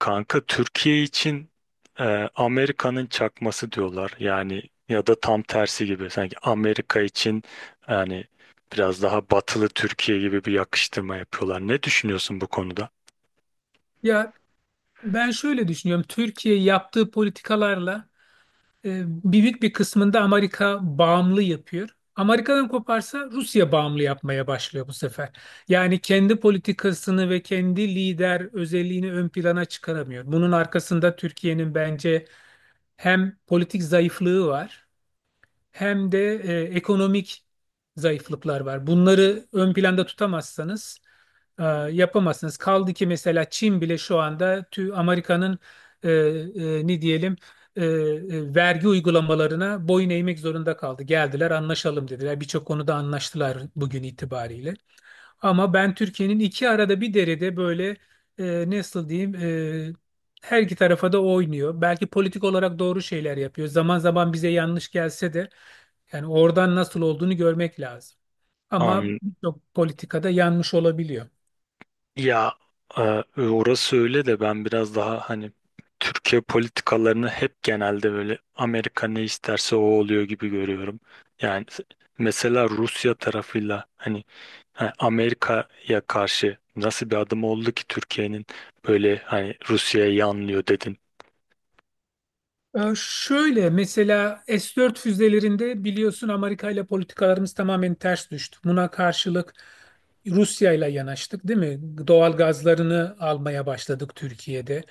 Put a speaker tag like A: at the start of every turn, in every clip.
A: Kanka Türkiye için e, Amerika'nın çakması diyorlar. Yani ya da tam tersi gibi. Sanki Amerika için yani biraz daha batılı Türkiye gibi bir yakıştırma yapıyorlar. Ne düşünüyorsun bu konuda?
B: Ya ben şöyle düşünüyorum. Türkiye yaptığı politikalarla büyük bir kısmında Amerika bağımlı yapıyor. Amerika'dan koparsa Rusya bağımlı yapmaya başlıyor bu sefer. Yani kendi politikasını ve kendi lider özelliğini ön plana çıkaramıyor. Bunun arkasında Türkiye'nin bence hem politik zayıflığı var hem de ekonomik zayıflıklar var. Bunları ön planda tutamazsanız e, yapamazsınız. Kaldı ki mesela Çin bile şu anda Amerika'nın ne diyelim vergi uygulamalarına boyun eğmek zorunda kaldı. Geldiler anlaşalım dediler. Birçok konuda anlaştılar bugün itibariyle. Ama ben Türkiye'nin iki arada bir derede böyle nasıl diyeyim her iki tarafa da oynuyor. Belki politik olarak doğru şeyler yapıyor. Zaman zaman bize yanlış gelse de yani oradan nasıl olduğunu görmek lazım. Ama
A: An
B: birçok politikada yanlış olabiliyor.
A: ya e, Orası öyle de ben biraz daha hani Türkiye politikalarını hep genelde böyle Amerika ne isterse o oluyor gibi görüyorum. Yani s- Mesela Rusya tarafıyla hani ha, Amerika'ya karşı nasıl bir adım oldu ki Türkiye'nin böyle hani Rusya'ya yanlıyor dedin.
B: Şöyle mesela S-4 füzelerinde biliyorsun Amerika ile politikalarımız tamamen ters düştü. Buna karşılık Rusya ile yanaştık, değil mi? Doğal gazlarını almaya başladık Türkiye'de.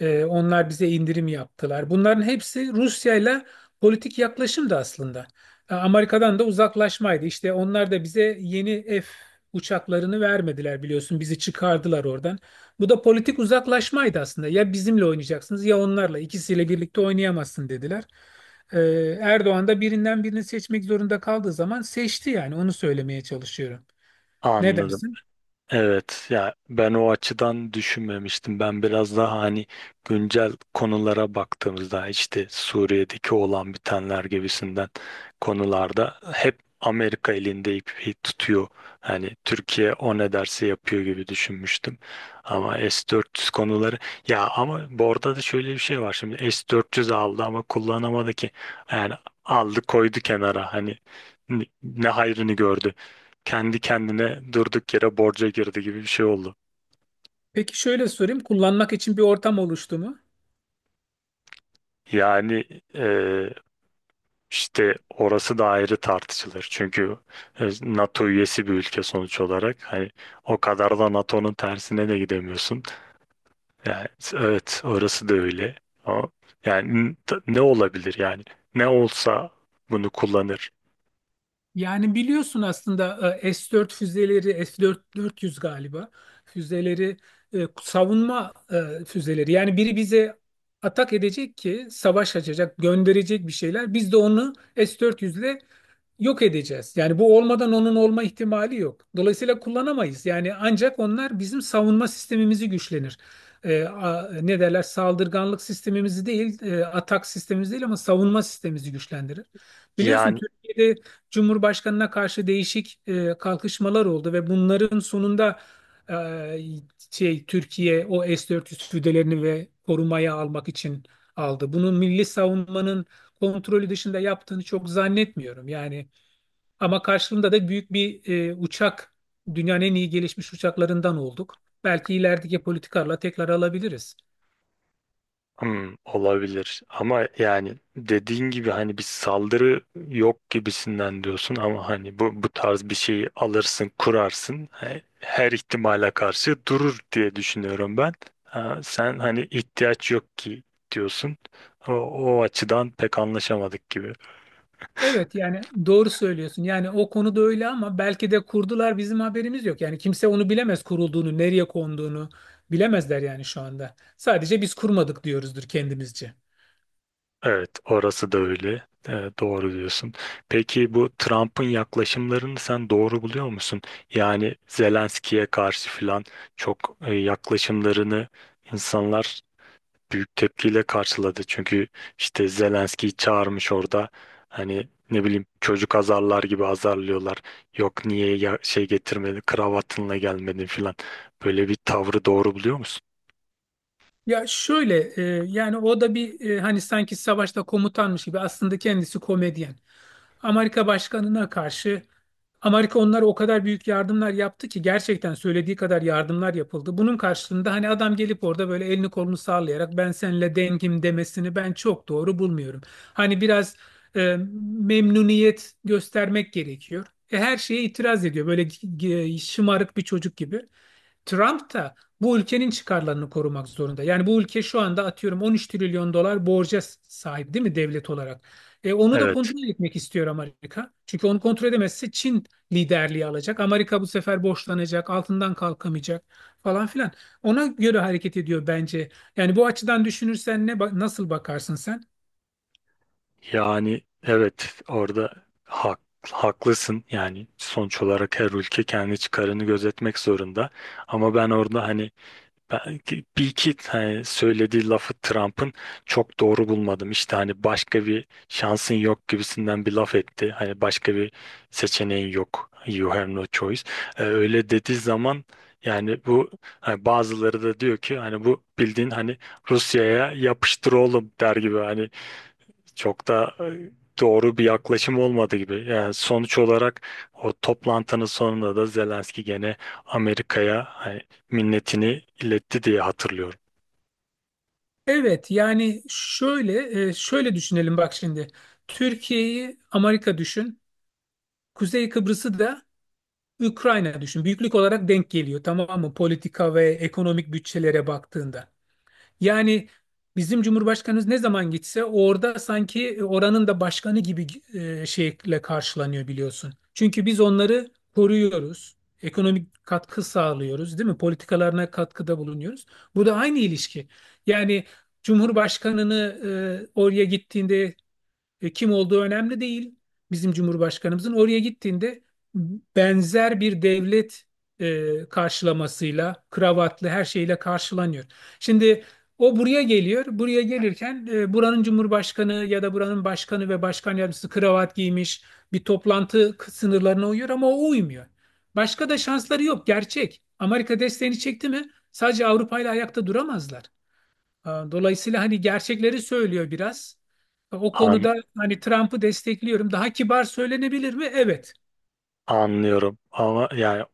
B: Onlar bize indirim yaptılar. Bunların hepsi Rusya ile politik yaklaşımdı aslında. Amerika'dan da uzaklaşmaydı. İşte onlar da bize yeni F uçaklarını vermediler biliyorsun. Bizi çıkardılar oradan. Bu da politik uzaklaşmaydı aslında. Ya bizimle oynayacaksınız ya onlarla. İkisiyle birlikte oynayamazsın dediler. Ee, Erdoğan da birinden birini seçmek zorunda kaldığı zaman seçti yani. Onu söylemeye çalışıyorum. Ne
A: Anladım.
B: dersin?
A: Evet ya, ben o açıdan düşünmemiştim. Ben biraz daha hani güncel konulara baktığımızda işte Suriye'deki olan bitenler gibisinden konularda hep Amerika elinde ipi tutuyor. Hani Türkiye o ne derse yapıyor gibi düşünmüştüm. Ama S-400 konuları, ya ama bu arada da şöyle bir şey var. Şimdi S-400 aldı ama kullanamadı ki. Yani aldı koydu kenara, hani ne hayrını gördü, kendi kendine durduk yere borca girdi gibi bir şey oldu.
B: Peki şöyle sorayım. Kullanmak için bir ortam oluştu mu?
A: Yani e, işte orası da ayrı tartışılır. Çünkü NATO üyesi bir ülke sonuç olarak. Hani o kadar da NATO'nun tersine de gidemiyorsun. Yani evet, orası da öyle. Ama yani ne olabilir yani? Ne olsa bunu kullanır.
B: Yani biliyorsun aslında S-4 füzeleri, S-400 galiba füzeleri savunma füzeleri. Yani biri bize atak edecek ki savaş açacak, gönderecek bir şeyler. Biz de onu S-400 ile yok edeceğiz. Yani bu olmadan onun olma ihtimali yok. Dolayısıyla kullanamayız. Yani ancak onlar bizim savunma sistemimizi güçlenir. Ne derler? Saldırganlık sistemimizi değil, atak sistemimizi değil ama savunma sistemimizi güçlendirir. Biliyorsun
A: Yani
B: Türkiye'de Cumhurbaşkanına karşı değişik kalkışmalar oldu ve bunların sonunda e, şey Türkiye o S-400 füzelerini ve korumaya almak için aldı. Bunu milli savunmanın kontrolü dışında yaptığını çok zannetmiyorum. Yani ama karşılığında da büyük bir uçak, dünyanın en iyi gelişmiş uçaklarından olduk. Belki ilerideki politikalarla tekrar alabiliriz.
A: Hmm, olabilir ama yani dediğin gibi hani bir saldırı yok gibisinden diyorsun ama hani bu tarz bir şeyi alırsın kurarsın, her ihtimale karşı durur diye düşünüyorum ben. Ha, sen hani ihtiyaç yok ki diyorsun, o açıdan pek anlaşamadık gibi.
B: Evet yani doğru söylüyorsun. Yani o konuda öyle ama belki de kurdular bizim haberimiz yok. Yani kimse onu bilemez kurulduğunu, nereye konduğunu bilemezler yani şu anda. Sadece biz kurmadık diyoruzdur kendimizce.
A: Evet, orası da öyle. Doğru diyorsun. Peki bu Trump'ın yaklaşımlarını sen doğru buluyor musun? Yani Zelenski'ye karşı filan çok yaklaşımlarını insanlar büyük tepkiyle karşıladı. Çünkü işte Zelenski'yi çağırmış orada. Hani ne bileyim, çocuk azarlar gibi azarlıyorlar. Yok niye ya- şey getirmedi, kravatınla gelmedin filan. Böyle bir tavrı doğru buluyor musun?
B: Ya şöyle yani o da bir hani sanki savaşta komutanmış gibi aslında kendisi komedyen. Amerika başkanına karşı Amerika onlara o kadar büyük yardımlar yaptı ki gerçekten söylediği kadar yardımlar yapıldı. Bunun karşılığında hani adam gelip orada böyle elini kolunu sallayarak ben seninle dengim demesini ben çok doğru bulmuyorum. Hani biraz memnuniyet göstermek gerekiyor. Her şeye itiraz ediyor böyle şımarık bir çocuk gibi. Trump da bu ülkenin çıkarlarını korumak zorunda. Yani bu ülke şu anda atıyorum 13 trilyon dolar borca sahip değil mi devlet olarak? Onu da
A: Evet.
B: kontrol etmek istiyor Amerika. Çünkü onu kontrol edemezse Çin liderliği alacak. Amerika bu sefer borçlanacak, altından kalkamayacak falan filan. Ona göre hareket ediyor bence. Yani bu açıdan düşünürsen nasıl bakarsın sen?
A: Yani evet orada hak, haklısın, yani sonuç olarak her ülke kendi çıkarını gözetmek zorunda ama ben orada hani belki bir iki hani söylediği lafı Trump'ın çok doğru bulmadım. İşte hani başka bir şansın yok gibisinden bir laf etti, hani başka bir seçeneğin yok, you have no choice. Öyle dediği zaman yani bu hani bazıları da diyor ki hani bu bildiğin hani Rusya'ya yapıştır oğlum der gibi, hani çok da doğru bir yaklaşım olmadı gibi. Yani sonuç olarak o toplantının sonunda da Zelenski gene Amerika'ya hani minnetini iletti diye hatırlıyorum.
B: Evet yani şöyle şöyle düşünelim bak şimdi. Türkiye'yi Amerika düşün. Kuzey Kıbrıs'ı da Ukrayna düşün. Büyüklük olarak denk geliyor tamam mı? Politika ve ekonomik bütçelere baktığında. Yani bizim Cumhurbaşkanımız ne zaman gitse orada sanki oranın da başkanı gibi şeyle karşılanıyor biliyorsun. Çünkü biz onları koruyoruz. Ekonomik katkı sağlıyoruz, değil mi? Politikalarına katkıda bulunuyoruz. Bu da aynı ilişki. Yani Cumhurbaşkanını oraya gittiğinde kim olduğu önemli değil bizim Cumhurbaşkanımızın. Oraya gittiğinde benzer bir devlet karşılamasıyla, kravatlı her şeyle karşılanıyor. Şimdi o buraya geliyor. Buraya gelirken buranın Cumhurbaşkanı ya da buranın başkanı ve başkan yardımcısı kravat giymiş bir sınırlarına uyuyor ama o uymuyor. Başka da şansları yok. Gerçek. Amerika desteğini çekti mi sadece Avrupa ile ayakta duramazlar. Dolayısıyla hani gerçekleri söylüyor biraz. O
A: An
B: konuda hani Trump'ı destekliyorum. Daha kibar söylenebilir mi? Evet.
A: Anlıyorum ama yani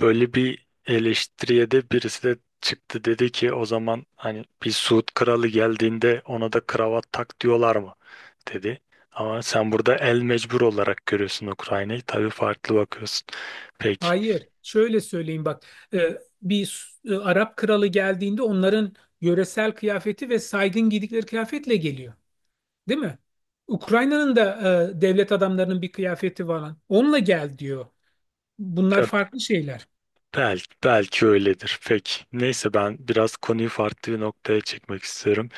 A: böyle bir eleştiriye de birisi de çıktı, dedi ki o zaman hani bir Suud kralı geldiğinde ona da kravat tak diyorlar mı dedi. Ama sen burada el mecbur olarak görüyorsun, Ukrayna'yı tabii farklı bakıyorsun. Peki
B: Hayır. Şöyle söyleyeyim bak. Bir Arap kralı geldiğinde onların yöresel kıyafeti ve saygın giydikleri kıyafetle geliyor. Değil mi? Ukrayna'nın da devlet adamlarının bir kıyafeti var. Onunla gel diyor. Bunlar
A: Be-
B: farklı şeyler.
A: belki belki öyledir. Peki neyse, ben biraz konuyu farklı bir noktaya çekmek istiyorum.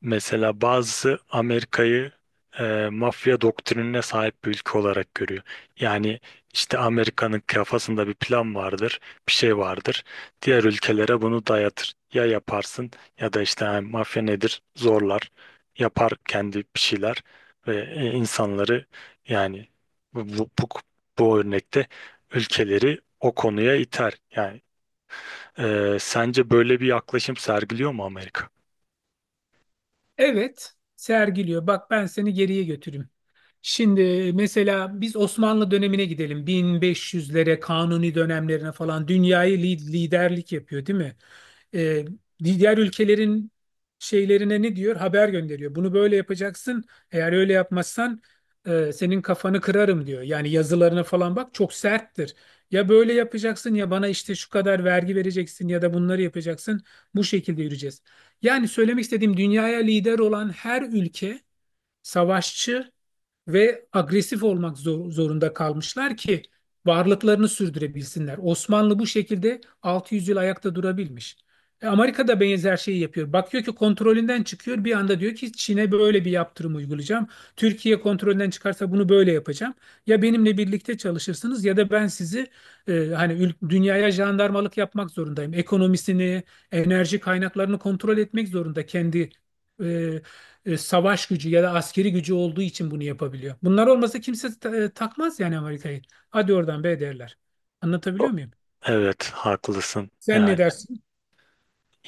A: Mesela bazısı Amerika'yı mafya doktrinine sahip bir ülke olarak görüyor. Yani işte Amerika'nın kafasında bir plan vardır, bir şey vardır. Diğer ülkelere bunu dayatır. Ya yaparsın ya da işte hani mafya nedir? Zorlar. Yapar kendi bir şeyler ve insanları, yani bu, bu, bu, bu örnekte ülkeleri o konuya iter. Yani sence böyle bir yaklaşım sergiliyor mu Amerika?
B: Evet. Sergiliyor. Bak ben seni geriye götüreyim. Şimdi mesela biz Osmanlı dönemine gidelim. 1500'lere, Kanuni dönemlerine falan dünyayı liderlik yapıyor, değil mi? Ee, diğer ülkelerin şeylerine ne diyor? Haber gönderiyor. Bunu böyle yapacaksın. Eğer öyle yapmazsan senin kafanı kırarım diyor. Yani yazılarına falan bak çok serttir. Ya böyle yapacaksın ya bana işte şu kadar vergi vereceksin ya da bunları yapacaksın. Bu şekilde yürüyeceğiz. Yani söylemek istediğim dünyaya lider olan her ülke savaşçı ve agresif olmak zorunda kalmışlar ki varlıklarını sürdürebilsinler. Osmanlı bu şekilde 600 yıl ayakta durabilmiş. Amerika da benzer şeyi yapıyor. Bakıyor ki kontrolünden çıkıyor bir anda diyor ki Çin'e böyle bir yaptırım uygulayacağım. Türkiye kontrolünden çıkarsa bunu böyle yapacağım. Ya benimle birlikte çalışırsınız ya da ben sizi hani dünyaya jandarmalık yapmak zorundayım. Ekonomisini, enerji kaynaklarını kontrol etmek zorunda kendi e, savaş gücü ya da askeri gücü olduğu için bunu yapabiliyor. Bunlar olmasa kimse takmaz yani Amerika'yı. Hadi oradan be derler. Anlatabiliyor muyum?
A: Evet, haklısın.
B: Sen ne
A: Yani
B: dersin?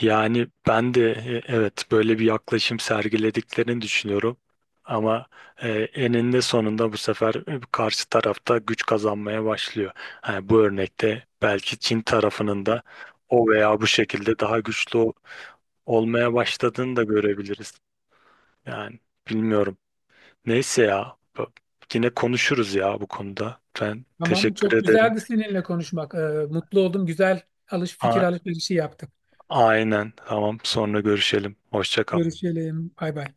A: yani ben de evet böyle bir yaklaşım sergilediklerini düşünüyorum. Ama eninde sonunda bu sefer karşı tarafta güç kazanmaya başlıyor. Yani bu örnekte belki Çin tarafının da o veya bu şekilde daha güçlü olmaya başladığını da görebiliriz. Yani bilmiyorum. Neyse ya. Yine konuşuruz ya bu konuda. Ben
B: Tamam,
A: teşekkür
B: çok
A: ederim.
B: güzeldi seninle konuşmak. Mutlu oldum. Güzel alış fikir
A: A-
B: alışverişi yaptık.
A: aynen. Tamam. Sonra görüşelim. Hoşça kal.
B: Görüşelim. Bay bay.